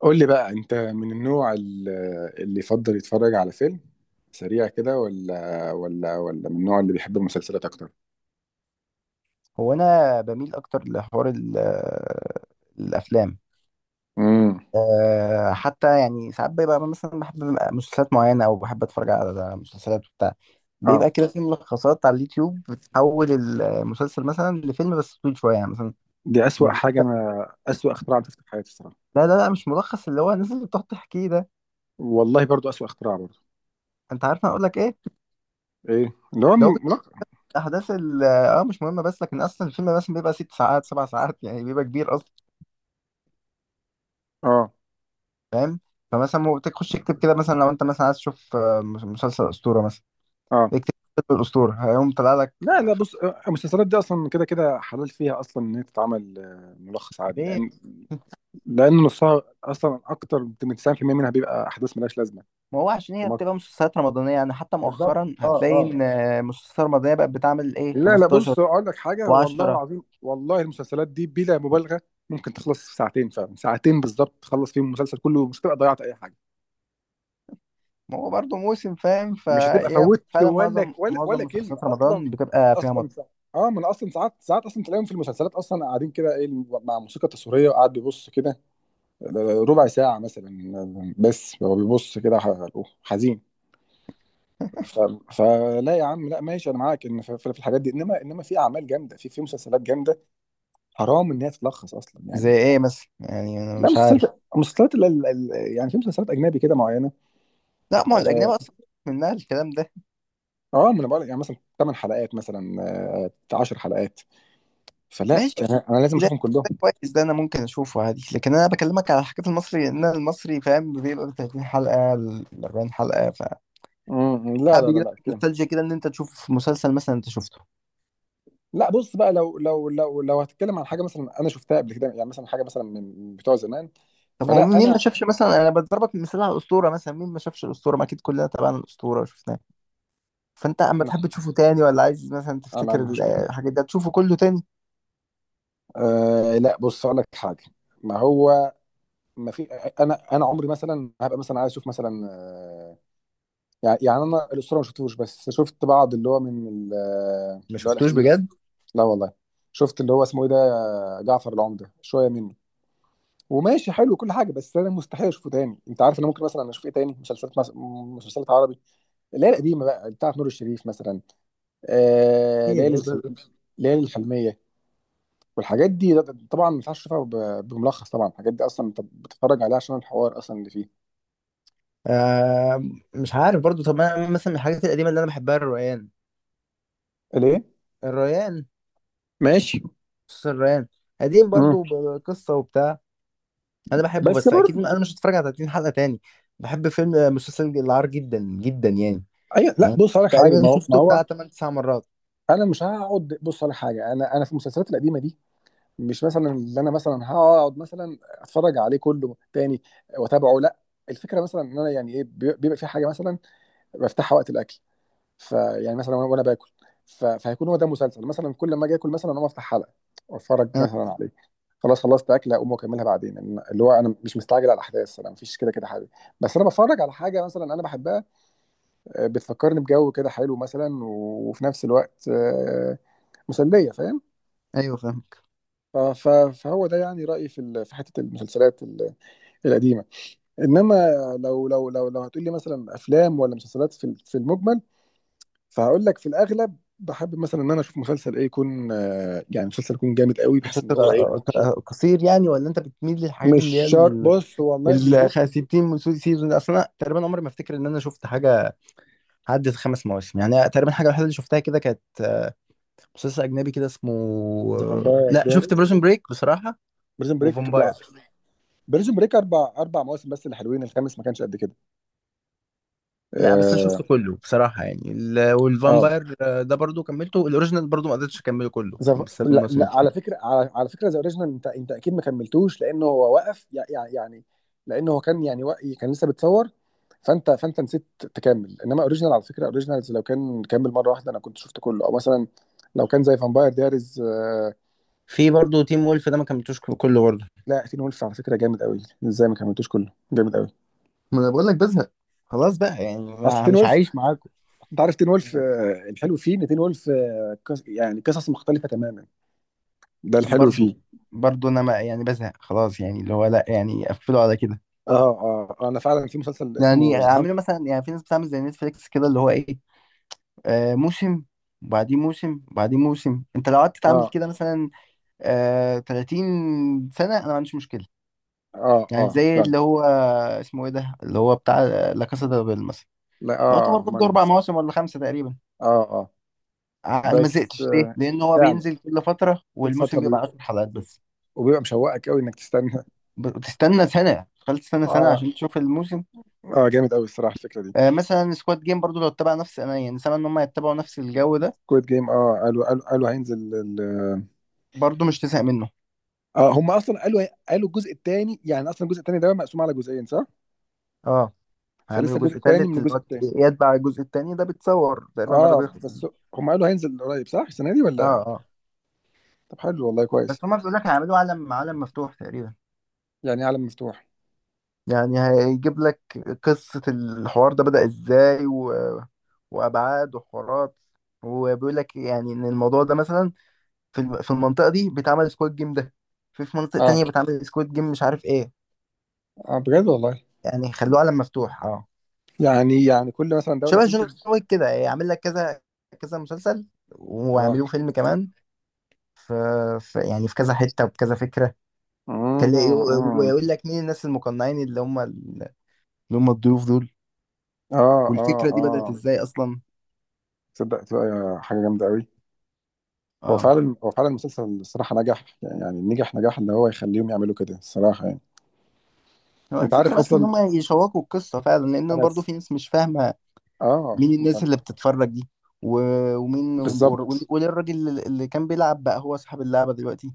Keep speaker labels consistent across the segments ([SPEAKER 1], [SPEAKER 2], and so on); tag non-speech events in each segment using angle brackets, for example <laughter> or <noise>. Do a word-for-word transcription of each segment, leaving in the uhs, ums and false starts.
[SPEAKER 1] قول لي بقى، انت من النوع ال- اللي يفضل يتفرج على فيلم سريع كده، ولا ولا ولا من النوع اللي بيحب المسلسلات اكتر؟
[SPEAKER 2] هو انا بميل اكتر لحوار ال- آه، الافلام.
[SPEAKER 1] امم
[SPEAKER 2] أه حتى يعني ساعات بيبقى مثلا بحب مسلسلات معينه او بحب اتفرج على مسلسلات بتاع
[SPEAKER 1] اه
[SPEAKER 2] بيبقى كده في ملخصات على اليوتيوب بتحول المسلسل مثلا لفيلم بس طويل شويه يعني مثلا.
[SPEAKER 1] دي اسوأ
[SPEAKER 2] المس-
[SPEAKER 1] حاجه، انا اسوأ اختراع عملته في حياتي الصراحه.
[SPEAKER 2] لا لا لا، مش ملخص، اللي هو الناس اللي بتقعد تحكيه ده.
[SPEAKER 1] والله برضو اسوأ اختراع برضو.
[SPEAKER 2] انت عارف انا اقول لك ايه؟
[SPEAKER 1] ايه اللي هو
[SPEAKER 2] ده هو بيحكي
[SPEAKER 1] م- لا.
[SPEAKER 2] احداث ال- اه آه، مش مهمه، بس لكن اصلا الفيلم مثلا بيبقى ست ساعات سبع ساعات يعني بيبقى كبير اصلا.
[SPEAKER 1] اه،
[SPEAKER 2] فاهم؟ فمثلا هو تخش اكتب كده مثلا لو انت مثلا عايز تشوف آه، مسلسل اسطوره مثلا،
[SPEAKER 1] اه،
[SPEAKER 2] اكتب فيلم الأسطورة هيقوم طلع لك.
[SPEAKER 1] لا، لا،
[SPEAKER 2] خ-
[SPEAKER 1] بص، آه، المسلسلات دي اصلا كده كده حلال فيها اصلا ان هي تتعمل آه، ملخص عادي،
[SPEAKER 2] ليه؟
[SPEAKER 1] لان لان نصها اصلا اكتر من تسعين في المية منها بيبقى احداث ملهاش لازمه.
[SPEAKER 2] ما هو عشان
[SPEAKER 1] في
[SPEAKER 2] هي بتبقى
[SPEAKER 1] مصر
[SPEAKER 2] مسلسلات رمضانية، يعني حتى
[SPEAKER 1] بالظبط.
[SPEAKER 2] مؤخرا
[SPEAKER 1] اه،
[SPEAKER 2] هتلاقي
[SPEAKER 1] اه.
[SPEAKER 2] إن مسلسلات رمضانية بقت بتعمل إيه
[SPEAKER 1] لا، لا،
[SPEAKER 2] خمستاشر
[SPEAKER 1] بص اقول لك حاجه، والله
[SPEAKER 2] و10.
[SPEAKER 1] العظيم، والله المسلسلات دي بلا مبالغه ممكن تخلص في ساعتين، فعلا ساعتين بالظبط تخلص فيهم المسلسل كله، مش هتبقى ضيعت اي حاجه،
[SPEAKER 2] ما هو برضه موسم فاهم،
[SPEAKER 1] مش هتبقى
[SPEAKER 2] فهي
[SPEAKER 1] فوتت
[SPEAKER 2] فعلا
[SPEAKER 1] ولا
[SPEAKER 2] معظم
[SPEAKER 1] ولا
[SPEAKER 2] معظم
[SPEAKER 1] ولا كلمه
[SPEAKER 2] مسلسلات
[SPEAKER 1] اصلا.
[SPEAKER 2] رمضان بتبقى فيها
[SPEAKER 1] اصلا
[SPEAKER 2] مط...
[SPEAKER 1] سا... اه، ما انا اصلا ساعات ساعات اصلا تلاقيهم في المسلسلات اصلا قاعدين كده ايه، مع موسيقى تصويريه، وقاعد بيبص كده ربع ساعه مثلا، بس هو بيبص كده ح- حزين. ف... فلا يا عم، لا ماشي، انا معاك ان في في الحاجات دي، انما انما في اعمال جامده، في في مسلسلات جامده حرام ان هي تتلخص اصلا
[SPEAKER 2] زي
[SPEAKER 1] يعني.
[SPEAKER 2] إيه مثلا؟ يعني أنا
[SPEAKER 1] لا،
[SPEAKER 2] مش عارف.
[SPEAKER 1] مسلسلات مسلسلات ال- ال- ال- يعني في مسلسلات اجنبي كده معينه.
[SPEAKER 2] لا، ما هو الأجنبي
[SPEAKER 1] اه،
[SPEAKER 2] أصلا منها الكلام ده.
[SPEAKER 1] آه، ما انا بقول يعني مثلا 8 حلقات مثلا، آه، 10 حلقات، فلا
[SPEAKER 2] ماشي،
[SPEAKER 1] انا أنا لازم
[SPEAKER 2] ده
[SPEAKER 1] اشوفهم كلهم.
[SPEAKER 2] ده كويس، ده أنا ممكن أشوفه عادي، لكن أنا بكلمك على حاجات المصري، إن المصري فاهم بيبقى تلاتين حلقة، اربعين حلقة.
[SPEAKER 1] مم، لا،
[SPEAKER 2] ساعات
[SPEAKER 1] لا، لا،
[SPEAKER 2] بيجي
[SPEAKER 1] لا
[SPEAKER 2] لك
[SPEAKER 1] كده.
[SPEAKER 2] نوستالجيا كده ان انت تشوف مسلسل مثلا انت شفته.
[SPEAKER 1] لا بص بقى، لو لو لو لو هتتكلم عن حاجه مثلا انا شفتها قبل كده يعني، مثلا حاجه مثلا من بتوع زمان.
[SPEAKER 2] طب هو
[SPEAKER 1] فلا
[SPEAKER 2] مين ما
[SPEAKER 1] انا
[SPEAKER 2] شافش؟ مثلا انا بضربك مثال على الاسطوره، مثلا مين ما شافش الاسطوره؟ ما اكيد كلنا تابعنا الاسطوره وشفناه. فانت اما
[SPEAKER 1] انا
[SPEAKER 2] تحب تشوفه تاني، ولا عايز مثلا
[SPEAKER 1] انا
[SPEAKER 2] تفتكر ال-
[SPEAKER 1] مش.
[SPEAKER 2] الحاجات ده تشوفه كله تاني؟
[SPEAKER 1] آه لا بص اقول لك حاجه. ما هو، ما في، انا انا عمري مثلا هبقى مثلا عايز اشوف مثلا، آه، يعني يعني انا الاسطوره ما شفتوش، بس شفت بعض اللي هو من ال-
[SPEAKER 2] ما
[SPEAKER 1] اللي هو
[SPEAKER 2] شفتوش
[SPEAKER 1] الاخير.
[SPEAKER 2] بجد؟
[SPEAKER 1] لا والله. شفت اللي هو اسمه ايه ده، جعفر العمده، شويه منه وماشي حلو كل حاجه، بس انا مستحيل اشوفه تاني. انت عارف انا ممكن مثلا اشوف ايه تاني؟ مسلسلات مس... مسلسلات عربي اللي هي القديمه بقى بتاعه نور الشريف مثلا، آه...
[SPEAKER 2] ايه
[SPEAKER 1] ليالي
[SPEAKER 2] ده
[SPEAKER 1] الخل...
[SPEAKER 2] ده ده
[SPEAKER 1] ليالي الحلميه والحاجات دي. ده- ده طبعا ما ينفعش تشوفها ب... بملخص طبعا. الحاجات دي اصلا انت بتتفرج عليها عشان الحوار اصلا اللي فيه.
[SPEAKER 2] آه، مش عارف برضو. طب انا مثلا من الحاجات القديمه اللي انا بحبها الريان.
[SPEAKER 1] ليه؟
[SPEAKER 2] الريان
[SPEAKER 1] ماشي.
[SPEAKER 2] بص، الريان قديم
[SPEAKER 1] مم.
[SPEAKER 2] برضو بقصه وبتاع. انا بحبه،
[SPEAKER 1] بس
[SPEAKER 2] بس اكيد
[SPEAKER 1] برضه.
[SPEAKER 2] انا مش هتفرج على تلاتين حلقه تاني. بحب فيلم مسلسل العار جدا جدا يعني.
[SPEAKER 1] ايوه، لا
[SPEAKER 2] أنا
[SPEAKER 1] بص هقول لك حاجه، ما
[SPEAKER 2] تقريبا
[SPEAKER 1] هو ما
[SPEAKER 2] شفته
[SPEAKER 1] هو
[SPEAKER 2] بتاع تمن تسعة مرات.
[SPEAKER 1] انا مش هقعد بص على حاجه. انا انا في المسلسلات القديمه دي مش مثلا اللي انا مثلا هقعد مثلا اتفرج عليه كله تاني واتابعه، لا. الفكره مثلا ان انا يعني ايه، بي- بيبقى في حاجه مثلا بفتحها وقت الاكل، فيعني مثلا وانا وأنا باكل، ف- فهيكون هو ده مسلسل مثلا كل ما اجي اكل مثلا اقوم افتح حلقه واتفرج
[SPEAKER 2] آه،
[SPEAKER 1] مثلا عليه، خلاص خلصت اكله اقوم واكملها بعدين. إن- اللي هو انا مش مستعجل على الاحداث، انا مفيش كده كده حاجه، بس انا بتفرج على حاجه مثلا انا بحبها، آه، بتفكرني بجو كده حلو مثلا، وفي نفس الوقت آه، مسليه، فاهم؟
[SPEAKER 2] ايوه فاهم.
[SPEAKER 1] ف- ف- فهو ده يعني رأيي في ال- في حتة المسلسلات ال- القديمة. انما لو لو لو لو هتقول لي مثلا افلام ولا مسلسلات في ال- في المجمل، فهقول لك في الاغلب بحب مثلا ان انا اشوف مسلسل، ايه يكون؟ آه، يعني مسلسل يكون جامد قوي بحيث ان
[SPEAKER 2] مسلسل
[SPEAKER 1] هو ايه،
[SPEAKER 2] آه، آه، قصير يعني، ولا انت بتميل للحاجات
[SPEAKER 1] مش
[SPEAKER 2] اللي هي
[SPEAKER 1] شر.
[SPEAKER 2] ال
[SPEAKER 1] بص، والله مش جيب
[SPEAKER 2] ال ستين سيزون؟ اصلا انا تقريبا عمري ما افتكر ان انا شفت حاجه عدت خمس مواسم. يعني تقريبا الحاجه الوحيده اللي شفتها كده كانت آه، مسلسل اجنبي كده اسمه
[SPEAKER 1] ذا
[SPEAKER 2] آه،
[SPEAKER 1] فامباير
[SPEAKER 2] لا، شفت
[SPEAKER 1] دايرز،
[SPEAKER 2] بريزون بريك بصراحه.
[SPEAKER 1] بريزون بريك.
[SPEAKER 2] وفامباير.
[SPEAKER 1] بريزون بريك اربع اربع مواسم بس اللي حلوين، الخامس ما كانش قد كده.
[SPEAKER 2] لا بس انا شفته
[SPEAKER 1] اه.
[SPEAKER 2] كله بصراحه يعني ال-
[SPEAKER 1] آه.
[SPEAKER 2] والفامباير آه، ده برضو كملته. الاوريجينال برضو ما قدرتش اكمله كله
[SPEAKER 1] زف...
[SPEAKER 2] بسبب
[SPEAKER 1] لا،
[SPEAKER 2] المواسم
[SPEAKER 1] لا على
[SPEAKER 2] كتير.
[SPEAKER 1] فكره، على, على فكره، ذا اوريجينال انت انت اكيد ما كملتوش لانه هو وقف، يعني يعني لانه هو كان يعني وق... كان لسه بتصور. فانت فانت نسيت تكمل، انما اوريجينال على فكره، اوريجينالز لو كان كمل مره واحده انا كنت شفت كله، او مثلا لو كان زي فامباير دايريز آه...
[SPEAKER 2] في برضو تيم وولف ده ما كملتوش كله برضو.
[SPEAKER 1] لا، تين وولف على فكره جامد قوي، ازاي ما كملتوش كله؟ جامد قوي.
[SPEAKER 2] ما انا بقول لك بزهق، خلاص بقى يعني،
[SPEAKER 1] اصل
[SPEAKER 2] ما
[SPEAKER 1] تين
[SPEAKER 2] مش
[SPEAKER 1] وولف،
[SPEAKER 2] عايش معاكم
[SPEAKER 1] انت عارف تين وولف
[SPEAKER 2] يعني.
[SPEAKER 1] آه، الحلو فيه ان تين وولف آه، قص- يعني قصص مختلفه تماما، ده الحلو
[SPEAKER 2] برضو
[SPEAKER 1] فيه.
[SPEAKER 2] برضو انا ما يعني بزهق خلاص يعني، اللي هو لا يعني قفلوا على كده.
[SPEAKER 1] اه، اه، آه، انا فعلا في مسلسل
[SPEAKER 2] يعني
[SPEAKER 1] اسمه ذا.
[SPEAKER 2] اعملوا مثلا، يعني في ناس بتعمل زي نتفليكس كده اللي هو ايه، آه موسم وبعدين موسم وبعدين موسم. انت لو قعدت تعمل
[SPEAKER 1] اه،
[SPEAKER 2] كده مثلا آه تلاتين سنة، انا ما عنديش مشكلة.
[SPEAKER 1] اه،
[SPEAKER 2] يعني
[SPEAKER 1] اه
[SPEAKER 2] زي
[SPEAKER 1] فعلا.
[SPEAKER 2] اللي هو اسمه ايه ده اللي هو بتاع آه، لا كاسا دي بابيل مثلا.
[SPEAKER 1] لا،
[SPEAKER 2] لو يعتبر
[SPEAKER 1] اه،
[SPEAKER 2] برضه اربع
[SPEAKER 1] مانيس.
[SPEAKER 2] مواسم ولا خمسه تقريبا.
[SPEAKER 1] اه، اه،
[SPEAKER 2] ع- انا ما
[SPEAKER 1] بس
[SPEAKER 2] زهقتش. ليه؟
[SPEAKER 1] آه،
[SPEAKER 2] لان هو
[SPEAKER 1] فعلا.
[SPEAKER 2] بينزل كل فترة
[SPEAKER 1] كل فتره
[SPEAKER 2] والموسم
[SPEAKER 1] بي...
[SPEAKER 2] بيبقى عشرة حلقات بس.
[SPEAKER 1] وبيبقى مشوقك قوي انك تستنى.
[SPEAKER 2] بتستنى سنة، تخيل
[SPEAKER 1] <laughs>
[SPEAKER 2] تستنى سنة
[SPEAKER 1] اه.
[SPEAKER 2] عشان تشوف الموسم.
[SPEAKER 1] اه جامد قوي الصراحه الفكره دي.
[SPEAKER 2] آه مثلا سكواد جيم برضو لو اتبع نفس، انا يعني سامع ان هم يتبعوا نفس الجو ده
[SPEAKER 1] كويت جيم، اه قالوا قالوا قالوا هينزل ال...
[SPEAKER 2] برضو مش تزهق منه.
[SPEAKER 1] اه، هم اصلا قالوا قالوا الجزء الثاني، يعني اصلا الجزء الثاني ده مقسوم على جزئين صح؟
[SPEAKER 2] اه،
[SPEAKER 1] فلسه
[SPEAKER 2] هيعملوا
[SPEAKER 1] الجزء
[SPEAKER 2] جزء
[SPEAKER 1] الثاني
[SPEAKER 2] تالت
[SPEAKER 1] من
[SPEAKER 2] اللي
[SPEAKER 1] الجزء
[SPEAKER 2] هو
[SPEAKER 1] الثاني.
[SPEAKER 2] يتبع الجزء التاني ده، بتصور تقريبا قرب
[SPEAKER 1] اه
[SPEAKER 2] يخلص.
[SPEAKER 1] بس. هم قالوا هينزل قريب صح، السنه دي
[SPEAKER 2] اه
[SPEAKER 1] ولا؟
[SPEAKER 2] اه.
[SPEAKER 1] طب حلو والله، كويس.
[SPEAKER 2] بس هما بيقول لك هيعملوا عالم، عالم مفتوح تقريبا.
[SPEAKER 1] يعني عالم مفتوح؟
[SPEAKER 2] يعني هيجيب لك قصة الحوار ده بدأ ازاي، و... وأبعاد وحوارات، وبيقول لك يعني ان الموضوع ده مثلا في الم- في المنطقة دي بيتعمل سكواد جيم ده، في في مناطق
[SPEAKER 1] اه،
[SPEAKER 2] تانية بتعمل سكواد جيم مش عارف ايه.
[SPEAKER 1] اه بجد والله.
[SPEAKER 2] يعني خلوه عالم مفتوح، اه.
[SPEAKER 1] يعني يعني كل مثلا دوله
[SPEAKER 2] شبه جون
[SPEAKER 1] تنتج.
[SPEAKER 2] ويك كده، يعمل لك كذا كذا مسلسل،
[SPEAKER 1] اه،
[SPEAKER 2] ويعملوه فيلم كمان. في, في يعني في كذا حتة وبكذا فكرة
[SPEAKER 1] امم
[SPEAKER 2] تلاقي. ويقول
[SPEAKER 1] امم
[SPEAKER 2] لك مين الناس المقنعين اللي هم اللي هم الضيوف دول.
[SPEAKER 1] اه، اه،
[SPEAKER 2] والفكرة دي بدأت
[SPEAKER 1] اه
[SPEAKER 2] ازاي اصلا؟
[SPEAKER 1] تصدق تبقى حاجه جامده قوي. هو
[SPEAKER 2] اه.
[SPEAKER 1] فعلا هو فعلا المسلسل الصراحه نجح، يعني نجح نجاح اللي هو يخليهم يعملوا كده الصراحه يعني.
[SPEAKER 2] هو
[SPEAKER 1] انت
[SPEAKER 2] الفكرة
[SPEAKER 1] عارف
[SPEAKER 2] بس ان
[SPEAKER 1] اصلا،
[SPEAKER 2] هم يشوقوا القصة فعلا، لان
[SPEAKER 1] انا
[SPEAKER 2] برضو
[SPEAKER 1] س-
[SPEAKER 2] في ناس مش فاهمة
[SPEAKER 1] اه
[SPEAKER 2] مين الناس اللي بتتفرج دي، و- ومين و-
[SPEAKER 1] بالظبط.
[SPEAKER 2] وليه الراجل اللي كان بيلعب بقى هو صاحب اللعبة دلوقتي؟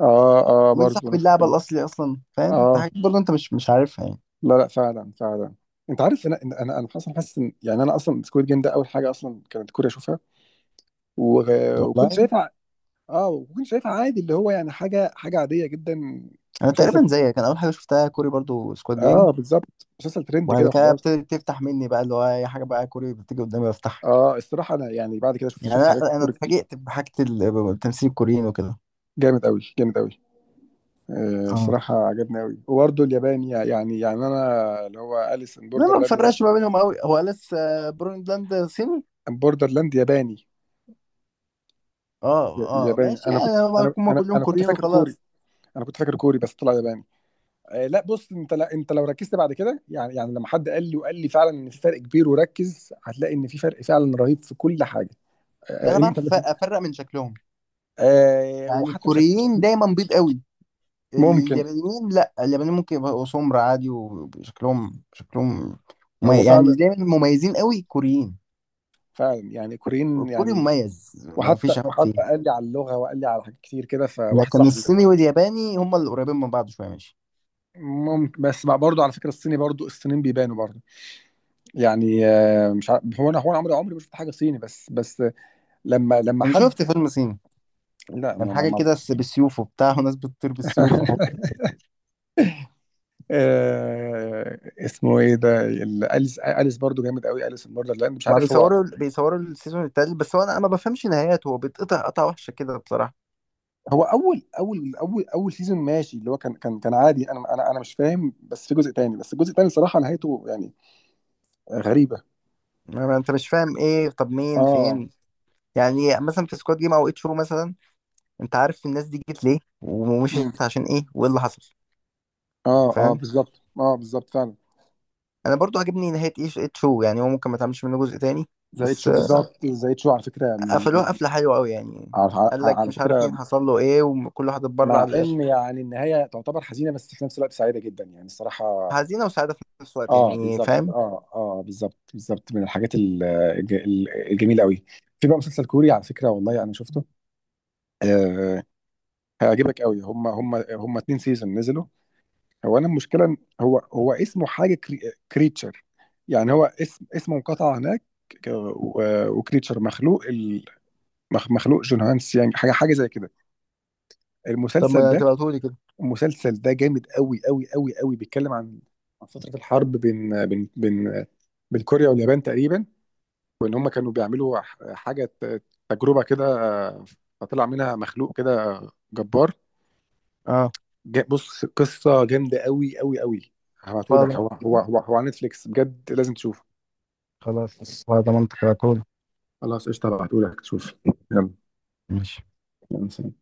[SPEAKER 1] اه، اه
[SPEAKER 2] ومين
[SPEAKER 1] برضه
[SPEAKER 2] صاحب
[SPEAKER 1] نفس
[SPEAKER 2] اللعبة
[SPEAKER 1] الكلام.
[SPEAKER 2] الأصلي أصلا؟ فاهم؟ في
[SPEAKER 1] اه،
[SPEAKER 2] حاجات برضه أنت مش مش عارفها يعني.
[SPEAKER 1] لا، لا فعلا فعلا. انت عارف، انا انا انا اصلا حاسس ان يعني انا اصلا سكويد جيم ده اول حاجه اصلا كانت كوريا اشوفها، و- وكنت
[SPEAKER 2] والله،
[SPEAKER 1] شايفها. اه وكنت شايفها عادي، اللي هو يعني حاجه حاجه عاديه جدا.
[SPEAKER 2] انا
[SPEAKER 1] مسلسل
[SPEAKER 2] تقريبا زيك، انا اول حاجه شفتها كوري برضو سكواد جيم.
[SPEAKER 1] اه. بالظبط، مسلسل ترند
[SPEAKER 2] وبعد
[SPEAKER 1] كده
[SPEAKER 2] كده
[SPEAKER 1] وخلاص.
[SPEAKER 2] ابتدت تفتح مني بقى اللي هو اي حاجه بقى كوري بتيجي قدامي بفتحها.
[SPEAKER 1] اه الصراحه انا يعني بعد كده شفت
[SPEAKER 2] يعني
[SPEAKER 1] شفت حاجات
[SPEAKER 2] انا انا
[SPEAKER 1] كوري كتير.
[SPEAKER 2] اتفاجئت بحاجه ال- التمثيل الكوريين وكده.
[SPEAKER 1] جامد قوي، جامد قوي. آه
[SPEAKER 2] اه،
[SPEAKER 1] الصراحه عجبني قوي، وبرده الياباني يعني يعني انا اللي هو اليس ان
[SPEAKER 2] انا ما
[SPEAKER 1] بوردرلاند ده،
[SPEAKER 2] بفرقش ما بينهم قوي. هو لسه بروندلاند صيني؟
[SPEAKER 1] بوردرلاند ياباني.
[SPEAKER 2] اه
[SPEAKER 1] ي-
[SPEAKER 2] اه،
[SPEAKER 1] ياباني،
[SPEAKER 2] ماشي
[SPEAKER 1] انا كنت،
[SPEAKER 2] يعني،
[SPEAKER 1] انا
[SPEAKER 2] هم
[SPEAKER 1] انا
[SPEAKER 2] كلهم
[SPEAKER 1] انا كنت
[SPEAKER 2] كوريين
[SPEAKER 1] فاكر كوري.
[SPEAKER 2] وخلاص.
[SPEAKER 1] انا كنت فاكر كوري بس طلع ياباني. آه لا بص، انت، لا انت لو ركزت بعد كده يعني يعني لما حد قال لي وقال لي فعلا ان في فرق كبير، وركز هتلاقي ان في فرق فعلا رهيب في كل حاجه.
[SPEAKER 2] ده
[SPEAKER 1] آه
[SPEAKER 2] انا بعرف
[SPEAKER 1] انت.
[SPEAKER 2] أف- افرق من شكلهم.
[SPEAKER 1] آه
[SPEAKER 2] يعني
[SPEAKER 1] وحتى في شك...
[SPEAKER 2] الكوريين دايما بيض قوي، ال-
[SPEAKER 1] ممكن.
[SPEAKER 2] اليابانيين لا، اليابانيين ممكن يبقوا سمر عادي وشكلهم شكلهم
[SPEAKER 1] هو
[SPEAKER 2] ممي- يعني اللي
[SPEAKER 1] فعلا،
[SPEAKER 2] دايما مميزين قوي كوريين.
[SPEAKER 1] فعلا يعني كوريين
[SPEAKER 2] الكوري
[SPEAKER 1] يعني.
[SPEAKER 2] مميز ما
[SPEAKER 1] وحتى
[SPEAKER 2] فيش عيب فيه.
[SPEAKER 1] وحتى قال لي على اللغه، وقال لي على حاجات كتير كده فواحد
[SPEAKER 2] لكن
[SPEAKER 1] صاحبي.
[SPEAKER 2] الصيني والياباني هما اللي قريبين من بعض شويه ماشي.
[SPEAKER 1] ممكن بس بقى برضه، على فكره الصيني برضه الصينيين بيبانوا برضه. يعني آه، مش عارف، هو انا هو انا عمري عمري ما شفت حاجه صيني بس بس لما لما
[SPEAKER 2] انا
[SPEAKER 1] حد.
[SPEAKER 2] شفت فيلم صيني
[SPEAKER 1] لا،
[SPEAKER 2] كان
[SPEAKER 1] ما ما
[SPEAKER 2] حاجه
[SPEAKER 1] ما
[SPEAKER 2] كده س- بالسيوف وبتاع وناس بتطير بالسيوف وحوار.
[SPEAKER 1] <laughs> آه، اسمه ايه ده، ال- اليس اليس برضه جامد قوي، اليس الموردر، لان مش
[SPEAKER 2] ما
[SPEAKER 1] عارف
[SPEAKER 2] بيصوروا
[SPEAKER 1] هو.
[SPEAKER 2] بيصوروا السيزون التالت، بس هو انا ما بفهمش نهايته، هو بيتقطع قطع وحشه كده بصراحه.
[SPEAKER 1] هو اول اول اول اول سيزون ماشي، اللي هو كان كان كان عادي. انا انا انا مش فاهم، بس في جزء تاني، بس الجزء التاني صراحه نهايته يعني غريبه.
[SPEAKER 2] ما ما انت مش فاهم ايه؟ طب مين،
[SPEAKER 1] اه.
[SPEAKER 2] فين؟ يعني مثلا في سكواد جيم او اتشو مثلا، انت عارف الناس دي جت ليه
[SPEAKER 1] مم.
[SPEAKER 2] ومشيت عشان ايه وايه اللي حصل؟
[SPEAKER 1] اه، اه
[SPEAKER 2] فاهم؟
[SPEAKER 1] بالظبط، اه بالظبط فعلا.
[SPEAKER 2] انا برضو عجبني نهايه ايش اتشو يعني، هو ممكن ما تعملش منه جزء تاني.
[SPEAKER 1] زائد
[SPEAKER 2] بس
[SPEAKER 1] شو بالظبط، زائد شو على فكره، من من-
[SPEAKER 2] قفلوها قفلة حلوة أوي يعني.
[SPEAKER 1] على, على
[SPEAKER 2] قال لك
[SPEAKER 1] على
[SPEAKER 2] مش عارف مين
[SPEAKER 1] فكره
[SPEAKER 2] حصل له إيه وكل واحد اتبرع
[SPEAKER 1] مع
[SPEAKER 2] ل-
[SPEAKER 1] ان يعني النهايه تعتبر حزينه بس في نفس الوقت سعيده جدا، يعني الصراحه.
[SPEAKER 2] حزينة وسعادة في نفس الوقت
[SPEAKER 1] اه
[SPEAKER 2] يعني.
[SPEAKER 1] بالظبط.
[SPEAKER 2] فاهم؟
[SPEAKER 1] اه، اه بالظبط بالظبط من الحاجات ال- الج- ال- الجميله قوي. في بقى مسلسل كوري على فكره، والله انا شفته، آه هيعجبك قوي. هم هم هم اتنين سيزون نزلوا. هو انا المشكله إن هو هو اسمه حاجه كريتشر، يعني هو اسم اسمه انقطع هناك، وكريتشر مخلوق. مخ- مخلوق جون هانس، يعني حاجه حاجه زي كده.
[SPEAKER 2] طب
[SPEAKER 1] المسلسل
[SPEAKER 2] ما
[SPEAKER 1] ده،
[SPEAKER 2] تبعتهولي كده.
[SPEAKER 1] المسلسل ده جامد قوي قوي قوي قوي، بيتكلم عن عن فتره الحرب بين بين بين بين كوريا واليابان تقريبا. وان هم كانوا بيعملوا ح- حاجه ت- تجربه كده، آه، فطلع منها مخلوق كده جبار.
[SPEAKER 2] اه
[SPEAKER 1] جا- بص قصه جامده قوي قوي قوي. هبعتهولك، هو
[SPEAKER 2] خلاص،
[SPEAKER 1] هو هو هو على نتفليكس، بجد لازم تشوفه.
[SPEAKER 2] خلاص ضمنت تبعتهولي.
[SPEAKER 1] خلاص قشطه، هبعتهولك تشوف. يلا.
[SPEAKER 2] ماشي.
[SPEAKER 1] يلا سلام.